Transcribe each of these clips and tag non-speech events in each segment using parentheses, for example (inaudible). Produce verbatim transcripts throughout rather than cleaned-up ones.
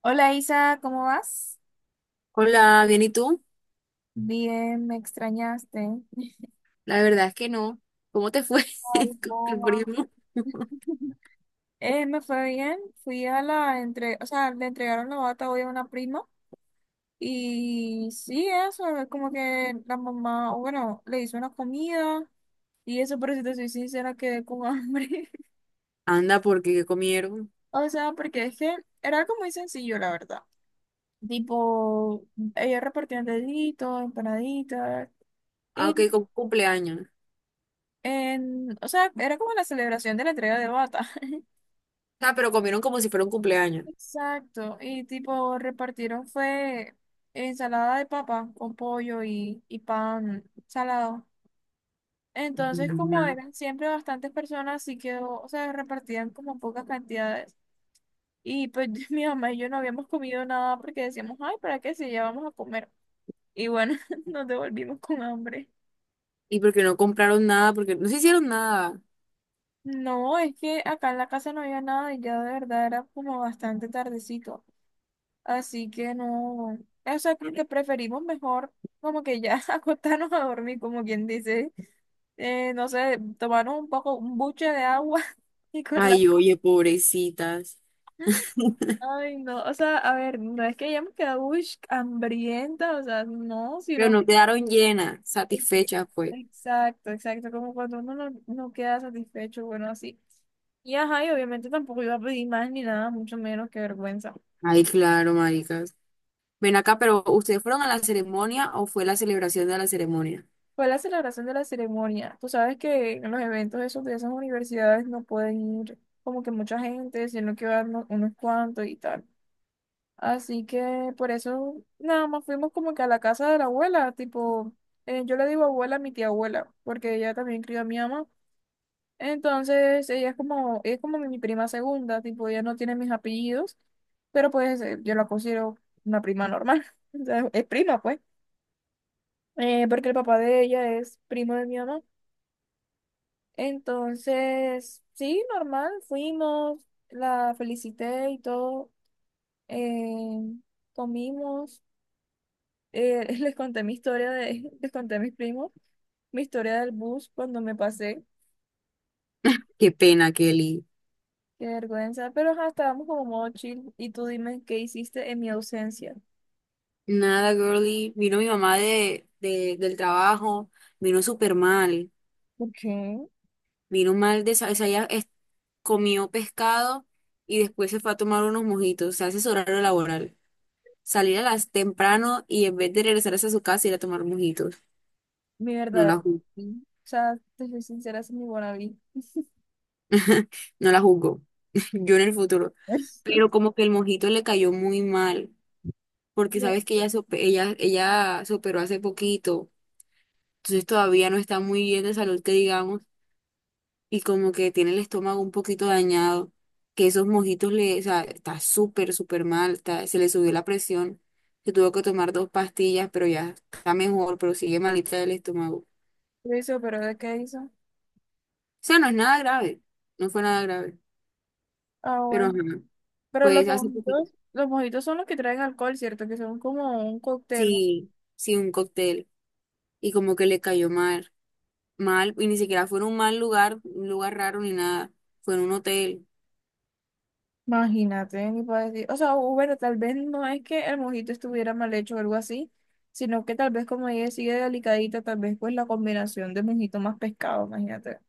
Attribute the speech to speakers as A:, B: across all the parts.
A: Hola Isa, ¿cómo vas?
B: Hola, bien, ¿y tú?
A: Bien, me extrañaste. Ay,
B: La verdad es que no. ¿Cómo te fue (laughs) con tu
A: boba.
B: primo? (laughs)
A: Eh, me fue bien, fui a la entre, o sea, le entregaron la bata hoy a una prima y sí, eso, es como que la mamá, o bueno, le hizo una comida y eso, pero si te soy sincera, quedé con hambre. (laughs)
B: Anda, porque ¿qué comieron?
A: O sea, porque es que era algo muy sencillo, la verdad. Tipo, ella repartía deditos, empanaditas
B: Ah, ok,
A: y,
B: con cumpleaños.
A: en, o sea, era como la celebración de la entrega de bata.
B: Ah, pero comieron como si fuera un cumpleaños.
A: Exacto, y tipo repartieron fue ensalada de papa con pollo y, y pan salado. Entonces,
B: Ya.
A: como eran siempre bastantes personas, sí quedó, o sea, repartían como pocas cantidades. Y pues (laughs) mi mamá y yo no habíamos comido nada porque decíamos, ay, ¿para qué si ya vamos a comer? Y bueno, (laughs) nos devolvimos con hambre.
B: Y porque no compraron nada, porque no se hicieron nada.
A: No, es que acá en la casa no había nada y ya de verdad era como bastante tardecito. Así que no, o sea, creo que preferimos mejor como que ya (laughs) acostarnos a dormir, como quien dice, eh, no sé, tomarnos un poco, un buche de agua (laughs) y con la...
B: Ay, oye, pobrecitas. (laughs)
A: Ay, no, o sea, a ver, no es que hayamos quedado uish, hambrienta, o sea, no,
B: Pero
A: sino...
B: no quedaron llenas,
A: Ex-
B: satisfechas, pues.
A: Exacto, exacto, como cuando uno no, no queda satisfecho, bueno, así. Y ajá, y obviamente tampoco iba a pedir más ni nada, mucho menos, que vergüenza.
B: Ay, claro, maricas. Ven acá, pero ¿ustedes fueron a la ceremonia o fue la celebración de la ceremonia?
A: Fue la celebración de la ceremonia. Tú sabes que en los eventos esos de esas universidades no pueden ir como que mucha gente, sino que van uno- unos cuantos y tal. Así que por eso nada más fuimos como que a la casa de la abuela, tipo, eh, yo le digo abuela a mi tía abuela, porque ella también crió a mi mamá. Entonces ella es como, ella es como mi mi prima segunda, tipo, ella no tiene mis apellidos, pero pues eh, yo la considero una prima normal. (laughs) O sea, es prima, pues. Eh, porque el papá de ella es primo de mi mamá. Entonces, sí, normal, fuimos, la felicité y todo, eh, comimos, eh, (laughs) les conté mi historia de, les conté a mis primos, mi historia del bus cuando me pasé,
B: Qué pena, Kelly.
A: qué vergüenza, pero ajá, estábamos como modo chill y tú dime qué hiciste en mi ausencia,
B: Nada, girly. Vino mi mamá de, de- del trabajo, vino súper mal.
A: porque
B: Vino mal de, sa- o sea, ella es- comió pescado y después se fue a tomar unos mojitos, o sea, ese es su horario laboral. Salir a las temprano y en vez de regresarse a su casa ir a tomar mojitos.
A: mi
B: No la
A: verdad,
B: juzgo.
A: sí, o sea, te soy sincera, es mi wannabe.
B: (laughs) No la juzgo. (laughs) Yo en el futuro. Pero
A: (laughs)
B: como que el mojito le cayó muy mal, porque
A: Pero,
B: sabes que ella se, op- ella, ella se operó hace poquito, entonces todavía no está muy bien de salud, que digamos. Y como que tiene el estómago un poquito dañado, que esos mojitos le, o sea, está súper, súper mal, está- se le subió la presión, se tuvo que tomar dos pastillas, pero ya está mejor, pero sigue malita del estómago. O
A: eso, pero ¿de qué hizo?
B: sea, no es nada grave, no fue nada grave,
A: Ah,
B: pero ajá,
A: bueno. Pero los
B: pues hace poquito,
A: mojitos, los mojitos son los que traen alcohol, ¿cierto? Que son como un cóctel.
B: sí, sí, un cóctel, y como que le cayó mal, mal, y ni siquiera fue en un mal lugar, un lugar raro ni nada, fue en un hotel,
A: Imagínate, ni para decir. O sea, o bueno, tal vez no es que el mojito estuviera mal hecho o algo así, sino que tal vez como ella sigue delicadita, tal vez pues la combinación de mojito más pescado, imagínate.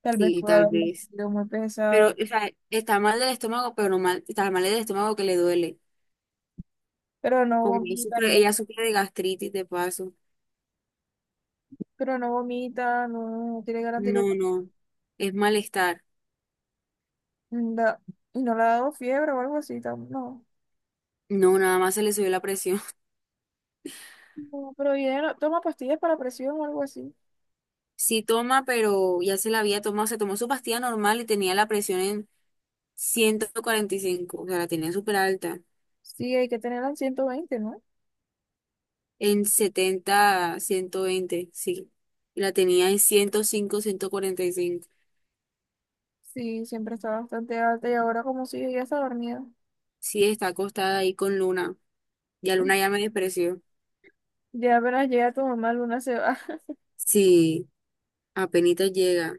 A: Tal vez
B: sí,
A: pueda
B: tal
A: haberlo
B: vez.
A: comido muy
B: Pero,
A: pesado,
B: o sea, está mal del estómago, pero no mal, está mal del estómago que le duele.
A: pero no
B: Como él
A: vomita,
B: sufre-
A: mira,
B: ella sufre de gastritis de paso.
A: pero no vomita, no no tiene ganas de
B: No, no, es malestar.
A: y no le ha dado fiebre o algo así, tam- no.
B: No, nada más se le subió la presión. (laughs)
A: No, pero ella no- toma pastillas para presión o algo así.
B: Sí toma, pero ya se la había tomado, se tomó su pastilla normal y tenía la presión en ciento cuarenta y cinco, o sea, la tenía súper alta,
A: Sí, hay que tenerla en ciento veinte, ¿no?
B: en setenta ciento veinte, sí. Y la tenía en ciento ciento cinco ciento cuarenta y cinco.
A: Sí, siempre está bastante alta y ahora como si ya está dormida.
B: Sí, está acostada ahí con Luna. Ya Luna ya me despreció.
A: Ya apenas llega tu mamá, Luna se va. (laughs)
B: Sí, apenas llega.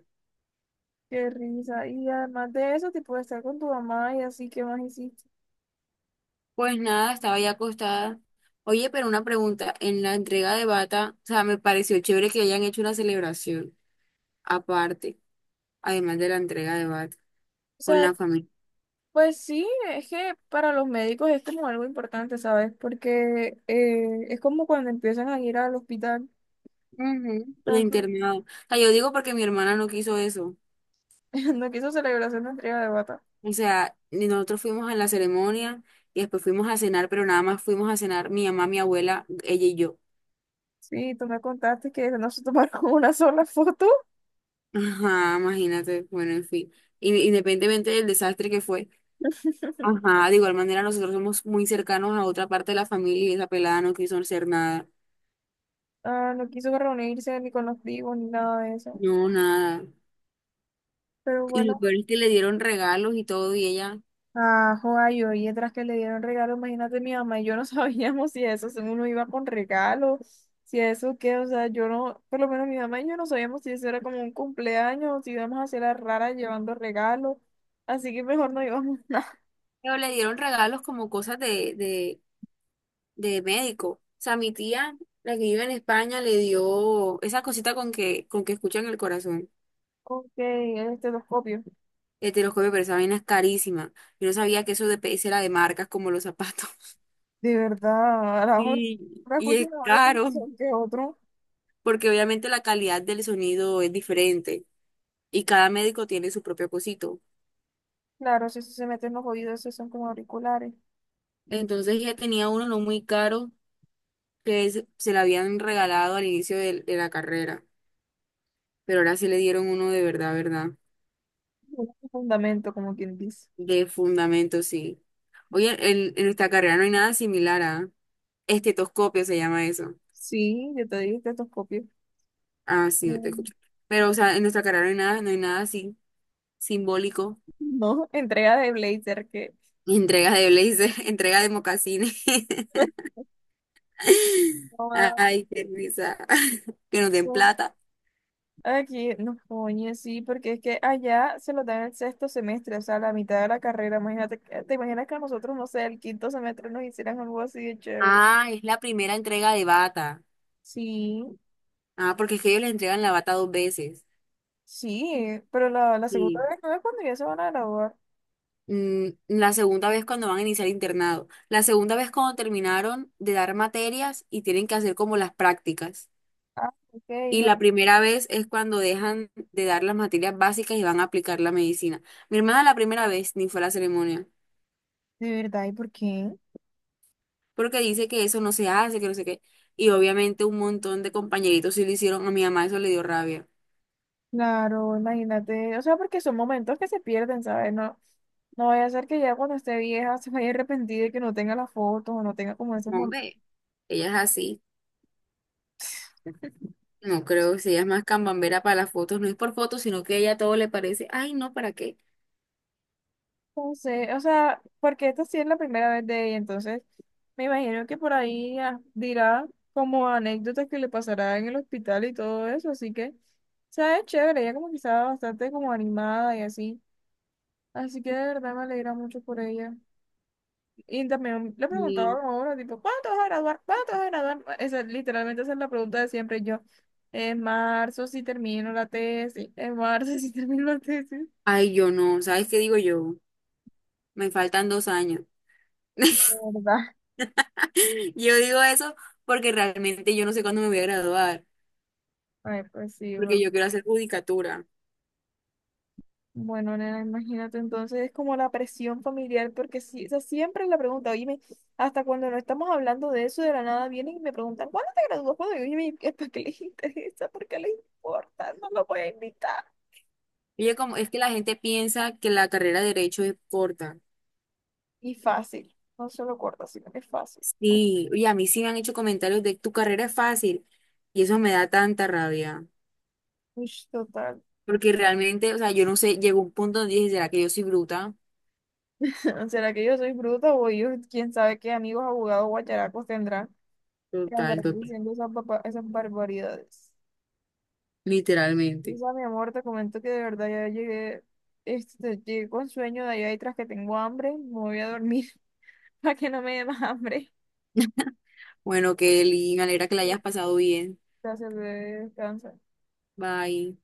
A: Qué risa. Y además de eso, tipo de estar con tu mamá y así, ¿qué más hiciste?
B: Pues nada, estaba ya acostada. Oye, pero una pregunta, en la entrega de bata, o sea, me pareció chévere que hayan hecho una celebración aparte, además de la entrega de bata,
A: O
B: con
A: sea,
B: la familia.
A: pues sí, es que para los médicos es como algo importante, ¿sabes? Porque eh, es como cuando empiezan a ir al hospital.
B: Ujú. El
A: Entonces,
B: internado. O sea, yo digo porque mi hermana no quiso eso.
A: (laughs) no quiso celebración de entrega de bata.
B: O sea, ni nosotros fuimos a la ceremonia y después fuimos a cenar, pero nada más fuimos a cenar mi mamá, mi abuela, ella y yo.
A: Sí, tú me contaste que no se tomaron (laughs) una sola foto.
B: (laughs) Ajá, imagínate, bueno, en fin. In- Independientemente del desastre que fue.
A: (laughs)
B: Ajá, de igual manera nosotros somos muy cercanos a otra parte de la familia y esa pelada no quiso hacer nada.
A: Ah, no quiso reunirse ni con los primos ni nada de eso.
B: No, nada.
A: Pero
B: Y
A: bueno.
B: lo peor es que le dieron regalos y todo y ella,
A: Ah, yo y otras que le dieron regalo, imagínate mi mamá y yo no (laughs) sabíamos si eso, si uno iba con regalo, si eso qué, o sea, yo no, por lo menos mi mamá y yo no sabíamos si eso era como un cumpleaños o si íbamos a hacer la rara llevando regalo, así que mejor no íbamos (laughs) nada.
B: pero le dieron regalos como cosas de, de, de médico. O sea, mi tía, la que vive en España, le dio esa cosita con que, con que escuchan el corazón.
A: Ok, el estetoscopio.
B: Eteroscopio, pero esa vaina es carísima. Yo no sabía que eso de P S era de marcas como los zapatos. (laughs)
A: De verdad, a lo mejor
B: Y,
A: no
B: y
A: escucho
B: es
A: mejor
B: caro,
A: que otro.
B: porque obviamente la calidad del sonido es diferente. Y cada médico tiene su propio cosito.
A: Claro, si eso se mete en los oídos, esos son como auriculares.
B: Entonces ella tenía uno no muy caro que es- se le habían regalado al inicio del- de, la carrera, pero ahora sí le dieron uno de verdad, ¿verdad?
A: Un fundamento, como quien dice.
B: De fundamento, sí. Oye, en, en nuestra carrera no hay nada similar a estetoscopio, se llama eso.
A: Sí, yo te dije estetoscopio.
B: Ah, sí, yo te
A: Mm.
B: escucho. Pero, o sea, en nuestra carrera no hay nada, no hay nada así simbólico.
A: No, entrega de blazer que
B: (laughs) Entrega de blazer, (laughs) entrega de mocasines. (laughs)
A: no
B: Ay, qué risa. (laughs) Que nos den
A: asco.
B: plata.
A: Aquí no coño, sí, porque es que allá se lo dan el sexto semestre, o sea, la mitad de la carrera. Imagínate, que- te imaginas que a nosotros, no sé, el quinto semestre nos hicieran algo así de chévere.
B: Ah, es la primera entrega de bata.
A: Sí,
B: Ah, porque es que ellos les entregan la bata dos veces.
A: sí, pero la, la segunda
B: Y
A: vez no es cuando ya se van a graduar.
B: mm, la segunda vez cuando van a iniciar internado. La segunda vez cuando terminaron de dar materias y tienen que hacer como las prácticas.
A: Ah, ok,
B: Y
A: no.
B: la primera vez es cuando dejan de dar las materias básicas y van a aplicar la medicina. Mi hermana la primera vez ni fue a la ceremonia,
A: De verdad, ¿y por qué?
B: porque dice que eso no se hace, que no sé qué. Y obviamente un montón de compañeritos sí lo hicieron, a mi mamá eso le dio rabia.
A: Claro, imagínate, o sea, porque son momentos que se pierden, ¿sabes? No, no vaya a ser que ya cuando esté vieja se vaya arrepentida y que no tenga la foto o no tenga como esos
B: No,
A: momentos.
B: ve, ella es así. No creo, si ella es más cambambera para las fotos, no es por fotos, sino que a ella todo le parece, ay, no, ¿para qué?
A: No sé, o sea, porque esta sí es la primera vez de ella, entonces me imagino que por ahí ah, dirá como anécdotas que le pasará en el hospital y todo eso, así que, o sea, es chévere, ella como que estaba bastante como animada y así, así que de verdad me alegra mucho por ella. Y también le preguntaba
B: Y,
A: como uno, tipo, ¿cuándo te vas a graduar? ¿Cuándo te vas a graduar? Esa, literalmente esa es la pregunta de siempre, y yo, en marzo si termino la tesis, en marzo (laughs) si termino la tesis,
B: ay, yo no, ¿sabes qué digo yo? Me faltan dos años.
A: de verdad.
B: (laughs) Yo digo eso porque realmente yo no sé cuándo me voy a graduar,
A: Ay, pues sí,
B: porque yo quiero hacer judicatura.
A: bueno, nena, imagínate, entonces es como la presión familiar, porque sí, o sea, siempre la pregunta, oíme, hasta cuando no estamos hablando de eso, de la nada vienen y me preguntan, ¿cuándo te gradúas? ¿Cuándo? Y oíme, ¿qué- ¿para qué les interesa? ¿Por qué les importa? No lo voy a invitar.
B: Oye, como es que la gente piensa que la carrera de derecho es corta.
A: Y fácil, no solo corta, sino que es fácil. ¿No?
B: Sí, y a mí sí me han hecho comentarios de tu carrera es fácil y eso me da tanta rabia,
A: Uy, total.
B: porque realmente, o sea, yo no sé, llegó un punto donde dije, ¿será que yo soy bruta?
A: (laughs) ¿Será que yo soy bruta o ellos, quién sabe qué amigos abogados guacharacos tendrán que andar
B: Total, total,
A: diciendo esas, baba- esas barbaridades?
B: literalmente.
A: Isa, mi amor, te comento que de verdad ya llegué, este, llegué con sueño de allá y tras que tengo hambre, me voy a dormir (laughs) para que no me dé más hambre.
B: Bueno, Kelly, me alegra que la hayas pasado bien.
A: Gracias, bebé, descansa.
B: Bye.